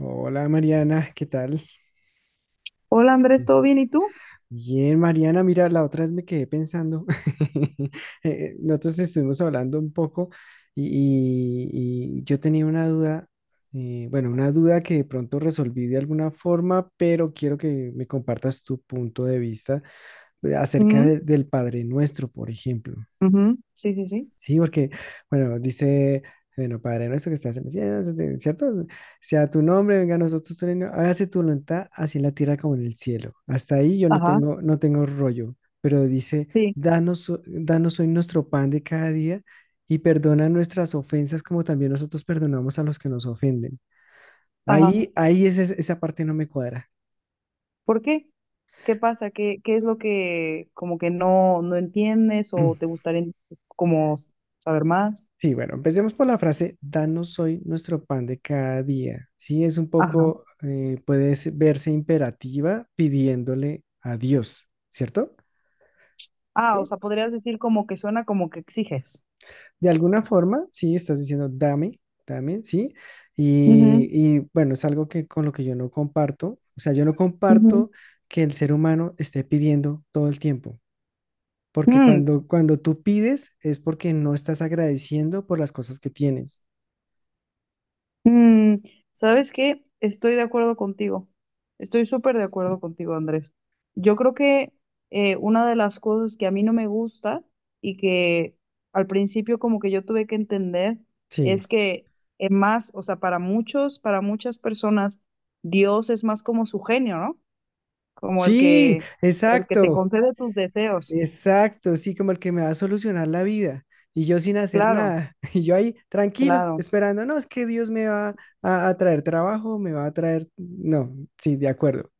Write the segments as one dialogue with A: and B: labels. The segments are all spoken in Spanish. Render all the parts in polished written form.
A: Hola, Mariana, ¿qué tal?
B: Hola Andrés, ¿todo bien? ¿Y tú?
A: Bien, Mariana, mira, la otra vez me quedé pensando. Nosotros estuvimos hablando un poco y, y yo tenía una duda. Bueno, una duda que de pronto resolví de alguna forma, pero quiero que me compartas tu punto de vista acerca
B: Ujú,
A: del Padre Nuestro, por ejemplo.
B: ujú, sí, sí, sí.
A: Sí, porque, bueno, dice, bueno, Padre nuestro que estás en el cielo, ¿cierto? Sea tu nombre, venga a nosotros tu reino, hágase tu voluntad, así en la tierra como en el cielo. Hasta ahí yo no
B: Ajá,
A: tengo, no tengo rollo, pero dice,
B: sí,
A: danos hoy nuestro pan de cada día y perdona nuestras ofensas como también nosotros perdonamos a los que nos ofenden.
B: ajá.
A: Esa parte no me cuadra.
B: ¿Por qué? ¿Qué pasa? ¿Qué es lo que como que no entiendes o te gustaría como saber más?
A: Sí, bueno, empecemos por la frase, danos hoy nuestro pan de cada día. Sí, es un
B: Ajá.
A: poco, puede verse imperativa pidiéndole a Dios, ¿cierto?
B: Ah, o
A: Sí.
B: sea, podrías decir como que suena como que exiges.
A: De alguna forma, sí, estás diciendo, dame, dame, sí.
B: Ujú,
A: Bueno, es algo que con lo que yo no comparto. O sea, yo no
B: ujú.
A: comparto que el ser humano esté pidiendo todo el tiempo. Porque
B: Mm,
A: cuando tú pides es porque no estás agradeciendo por las cosas que tienes.
B: mm, ¿sabes qué? Estoy de acuerdo contigo. Estoy súper de acuerdo contigo, Andrés. Yo creo que una de las cosas que a mí no me gusta y que al principio como que yo tuve que entender
A: Sí.
B: es que es más, o sea, para muchas personas, Dios es más como su genio, ¿no? Como el
A: Sí,
B: que, el que te
A: exacto.
B: concede tus deseos.
A: Exacto, sí, como el que me va a solucionar la vida. Y yo sin hacer
B: Claro,
A: nada. Y yo ahí tranquilo,
B: claro.
A: esperando, no, es que Dios me va a traer trabajo, me va a traer... No, sí, de acuerdo.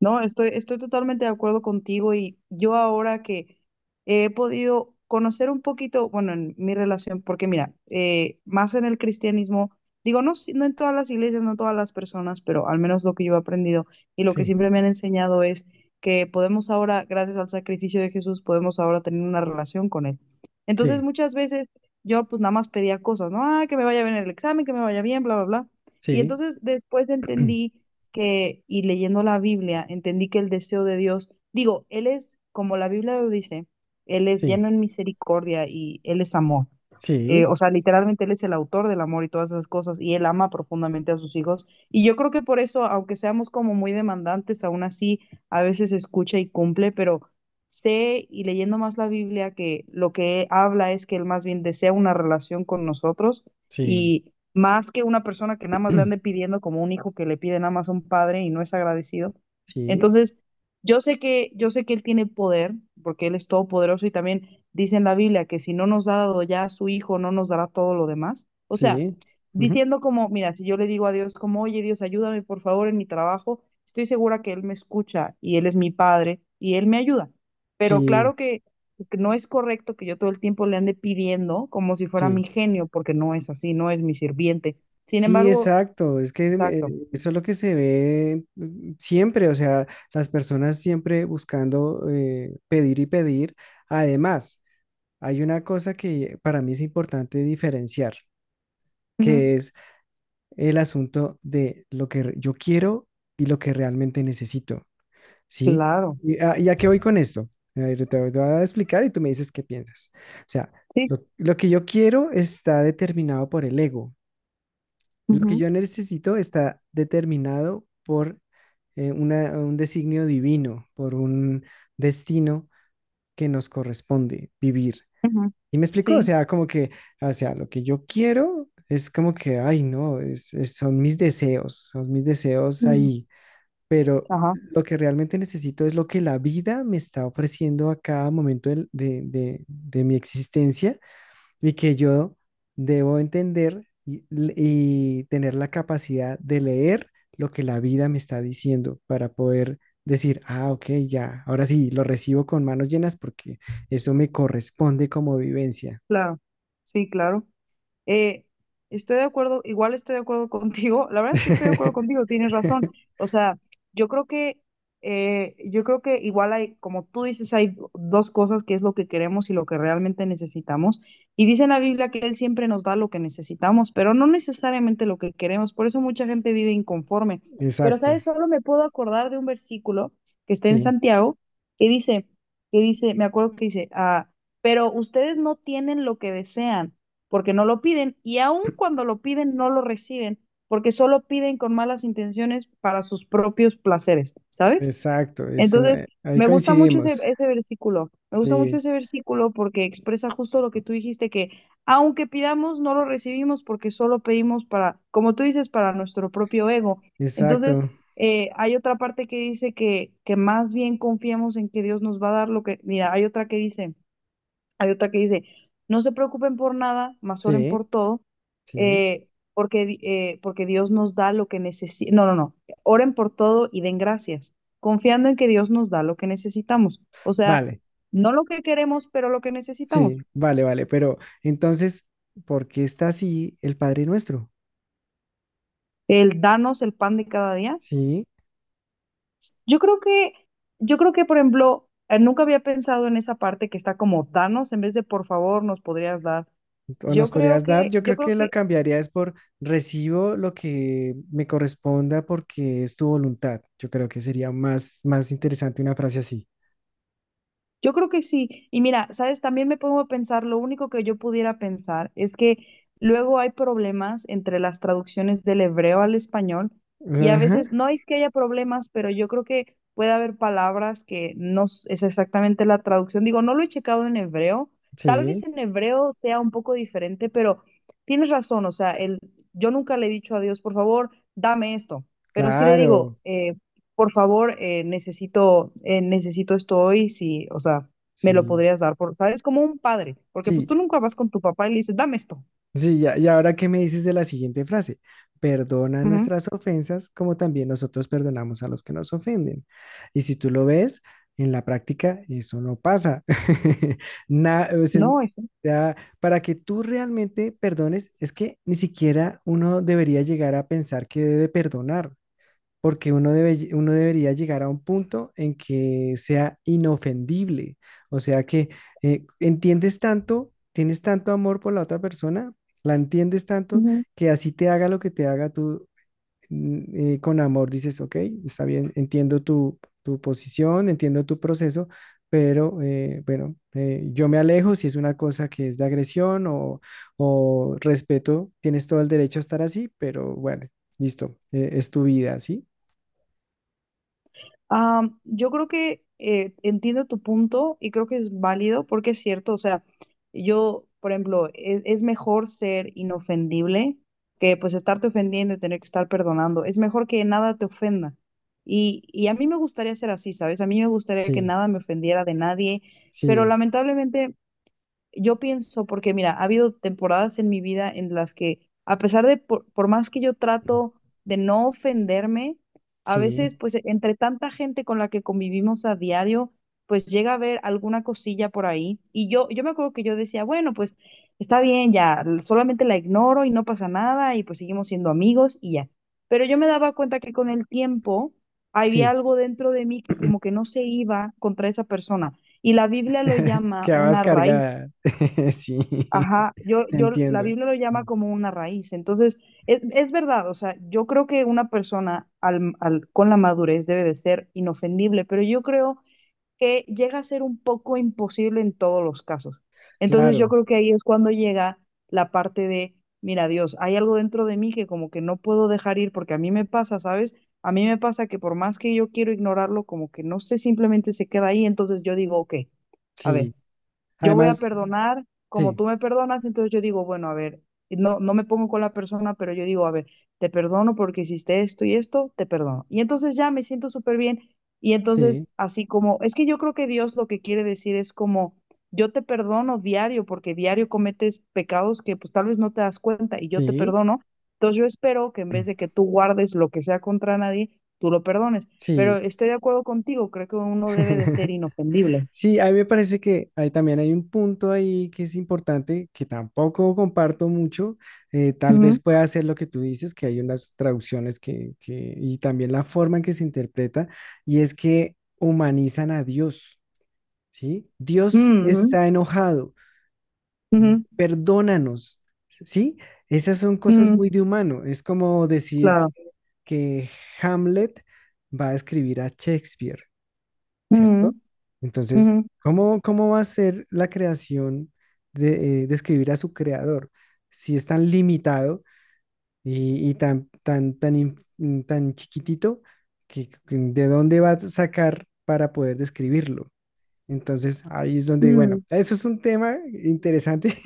B: No, estoy totalmente de acuerdo contigo, y yo ahora que he podido conocer un poquito, bueno, en mi relación, porque mira, más en el cristianismo, digo, no, no en todas las iglesias, no todas las personas, pero al menos lo que yo he aprendido y lo que
A: Sí,
B: siempre me han enseñado es que podemos ahora, gracias al sacrificio de Jesús, podemos ahora tener una relación con Él. Entonces,
A: sí,
B: muchas veces yo pues nada más pedía cosas, ¿no? Ah, que me vaya bien el examen, que me vaya bien, bla, bla, bla. Y
A: sí,
B: entonces después entendí que, y leyendo la Biblia, entendí que el deseo de Dios, digo, Él es, como la Biblia lo dice, Él es
A: sí,
B: lleno en misericordia y Él es amor. Eh,
A: sí,
B: o sea, literalmente Él es el autor del amor y todas esas cosas, y Él ama profundamente a sus hijos. Y yo creo que por eso, aunque seamos como muy demandantes, aún así a veces escucha y cumple, pero sé y leyendo más la Biblia que lo que habla es que Él más bien desea una relación con nosotros,
A: sí,
B: y más que una persona que nada más le ande pidiendo como un hijo que le pide nada más a un padre y no es agradecido.
A: sí,
B: Entonces, yo sé que él tiene poder, porque él es todopoderoso y también dice en la Biblia que si no nos ha dado ya a su hijo, no nos dará todo lo demás. O sea,
A: sí, ujú,
B: diciendo como, mira, si yo le digo a Dios como, oye Dios, ayúdame por favor en mi trabajo, estoy segura que él me escucha y él es mi padre y él me ayuda. Pero
A: sí,
B: claro que no es correcto que yo todo el tiempo le ande pidiendo como si fuera
A: sí,
B: mi genio, porque no es así, no es mi sirviente. Sin
A: sí,
B: embargo,
A: exacto. Es que
B: exacto.
A: eso es lo que se ve siempre, o sea, las personas siempre buscando pedir y pedir. Además, hay una cosa que para mí es importante diferenciar,
B: Ujú,
A: que es el asunto de yo quiero y lo que realmente necesito, ¿sí?
B: claro.
A: ¿Y y a qué voy con esto? A ver, te voy a explicar y tú me dices qué piensas. O sea,
B: Sí.
A: lo que yo quiero está determinado por el ego. Lo que
B: Ujú,
A: yo necesito está determinado por un designio divino, por un destino que nos corresponde vivir.
B: ujú,
A: Y me explicó, o
B: sí.
A: sea, como que, o sea, lo que yo quiero es como que, ay, no, son mis deseos
B: Ujú,
A: ahí, pero
B: ajá,
A: lo que realmente necesito es lo que la vida me está ofreciendo a cada momento de mi existencia y que yo debo entender y tener la capacidad de leer lo que la vida me está diciendo para poder decir, ah, ok, ya, ahora sí, lo recibo con manos llenas porque eso me corresponde como vivencia.
B: claro. Sí, claro. Eh, estoy de acuerdo, igual estoy de acuerdo contigo. La verdad es que estoy de acuerdo contigo, tienes razón. O sea, yo creo que, yo creo que igual hay, como tú dices, hay dos cosas que es lo que queremos y lo que realmente necesitamos. Y dice en la Biblia que Él siempre nos da lo que necesitamos, pero no necesariamente lo que queremos. Por eso mucha gente vive inconforme. Pero,
A: Exacto,
B: ¿sabes? Solo me puedo acordar de un versículo que está en
A: sí,
B: Santiago que dice, que dice, me acuerdo que dice, pero ustedes no tienen lo que desean porque no lo piden y aun cuando lo piden no lo reciben porque solo piden con malas intenciones para sus propios placeres, ¿sabes?
A: exacto, es
B: Entonces,
A: ahí
B: me gusta mucho ese,
A: coincidimos,
B: ese versículo, me gusta mucho
A: sí,
B: ese versículo porque expresa justo lo que tú dijiste, que aunque pidamos, no lo recibimos porque solo pedimos para, como tú dices, para nuestro propio ego. Entonces,
A: exacto,
B: hay otra parte que dice que más bien confiamos en que Dios nos va a dar lo que, mira, hay otra que dice, hay otra que dice, no se preocupen por nada, más oren
A: sí,
B: por todo,
A: sí,
B: eh, porque Dios nos da lo que necesitamos. No, no, no, oren por todo y den gracias, confiando en que Dios nos da lo que necesitamos. O sea,
A: vale,
B: no lo que queremos, pero lo que necesitamos.
A: sí, vale, vale, pero entonces, ¿por qué está así el Padre Nuestro?
B: El danos el pan de cada día.
A: Sí,
B: Yo creo que, yo creo que, por ejemplo, nunca había pensado en esa parte que está como danos en vez de por favor nos podrías dar.
A: o nos
B: Yo creo
A: podrías dar,
B: que,
A: yo
B: yo
A: creo
B: creo
A: que lo
B: que
A: cambiaría es por recibo lo que me corresponda porque es tu voluntad, yo creo que sería más, más interesante una frase así.
B: Yo creo que sí. Y mira, sabes, también me pongo a pensar, lo único que yo pudiera pensar es que luego hay problemas entre las traducciones del hebreo al español, y a
A: Ajá,
B: veces no es que haya problemas, pero yo creo que puede haber palabras que no es exactamente la traducción. Digo, no lo he checado en hebreo. Tal vez
A: sí,
B: en hebreo sea un poco diferente, pero tienes razón. O sea, yo nunca le he dicho a Dios, por favor, dame esto. Pero sí le
A: claro,
B: digo, por favor, necesito esto hoy, si, o sea, me lo
A: sí,
B: podrías dar, ¿sabes? Como un padre, porque pues
A: sí,
B: tú nunca vas con tu papá y le dices, dame esto.
A: sí, ya, y ahora qué me dices de la siguiente frase. Perdona
B: Ujú.
A: nuestras ofensas como también nosotros perdonamos a los que nos ofenden. Y si tú lo ves, en la práctica eso no pasa. O sea,
B: No, eso.
A: ya, para que tú realmente perdones, es que ni siquiera uno debería llegar a pensar que debe perdonar porque uno debe, uno debería llegar a un punto en que sea inofendible, o sea que entiendes tanto, tienes tanto amor por la otra persona, la entiendes tanto que así te haga lo que te haga tú con amor, dices, ok, está bien, entiendo tu, tu posición, entiendo tu proceso, pero bueno, yo me alejo si es una cosa que es de agresión o respeto, tienes todo el derecho a estar así, pero bueno, listo, es tu vida, ¿sí?
B: Ah, yo creo que entiendo tu punto y creo que es válido porque es cierto, o sea, yo, por ejemplo, es, mejor ser inofendible que pues estarte ofendiendo y tener que estar perdonando. Es mejor que nada te ofenda. Y a mí me gustaría ser así, ¿sabes? A mí me gustaría que
A: Sí,
B: nada me ofendiera de nadie, pero
A: sí,
B: lamentablemente yo pienso, porque mira, ha habido temporadas en mi vida en las que, a pesar de, por más que yo trato de no ofenderme, a
A: sí,
B: veces, pues, entre tanta gente con la que convivimos a diario, pues llega a haber alguna cosilla por ahí. Y yo me acuerdo que yo decía, bueno, pues, está bien, ya, solamente la ignoro y no pasa nada y pues seguimos siendo amigos y ya. Pero yo me daba cuenta que con el tiempo había
A: sí.
B: algo dentro de mí que como que no se iba contra esa persona. Y la Biblia lo llama
A: Quedabas
B: una raíz.
A: cargada. Sí,
B: Ajá,
A: te
B: la
A: entiendo.
B: Biblia lo llama como una raíz. Entonces, es verdad, o sea, yo creo que una persona al, con la madurez debe de ser inofendible, pero yo creo que llega a ser un poco imposible en todos los casos. Entonces, yo
A: Claro,
B: creo que ahí es cuando llega la parte de, mira, Dios, hay algo dentro de mí que como que no puedo dejar ir porque a mí me pasa, ¿sabes? A mí me pasa que por más que yo quiero ignorarlo, como que no sé, simplemente se queda ahí. Entonces, yo digo, ok. A ver,
A: sí.
B: yo voy a
A: Además,
B: perdonar como
A: sí,
B: tú me perdonas, entonces yo digo, bueno, a ver, no, no me pongo con la persona, pero yo digo, a ver, te perdono porque hiciste esto y esto, te perdono. Y entonces ya me siento súper bien. Y
A: sí,
B: entonces, así como, es que yo creo que Dios lo que quiere decir es como, yo te perdono diario porque diario cometes pecados que pues tal vez no te das cuenta y yo te
A: sí,
B: perdono. Entonces yo espero que en vez de que tú guardes lo que sea contra nadie, tú lo perdones. Pero
A: sí.
B: estoy de acuerdo contigo, creo que uno debe de ser inofendible.
A: Sí, a mí me parece que hay, también hay un punto ahí que es importante, que tampoco comparto mucho. Tal vez
B: Ujú,
A: pueda ser lo que tú dices, que hay unas traducciones y también la forma en que se interpreta, y es que humanizan a Dios. ¿Sí? Dios
B: ujú.
A: está enojado,
B: Ujú,
A: perdónanos, ¿sí? Esas son cosas
B: ujú,
A: muy de humano. Es como decir
B: claro.
A: que Hamlet va a escribir a Shakespeare,
B: Ujú,
A: ¿cierto?
B: ujú,
A: Entonces, cómo va a ser la creación de escribir a su creador si es tan limitado y tan chiquitito que de dónde va a sacar para poder describirlo? Entonces, ahí es donde, bueno,
B: ujú,
A: eso es un tema interesante.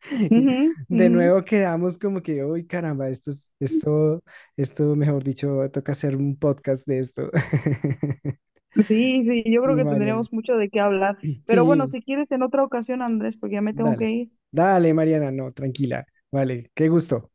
B: ujú,
A: De
B: ujú.
A: nuevo quedamos como que, uy, caramba, esto es, esto, mejor dicho, toca hacer un podcast de esto.
B: Sí, sí, yo creo
A: Y
B: que
A: Mariana,
B: tendríamos mucho de qué hablar. Pero bueno,
A: sí,
B: si quieres en otra ocasión, Andrés, porque ya me tengo que
A: dale,
B: ir.
A: dale, Mariana, no, tranquila, vale, qué gusto.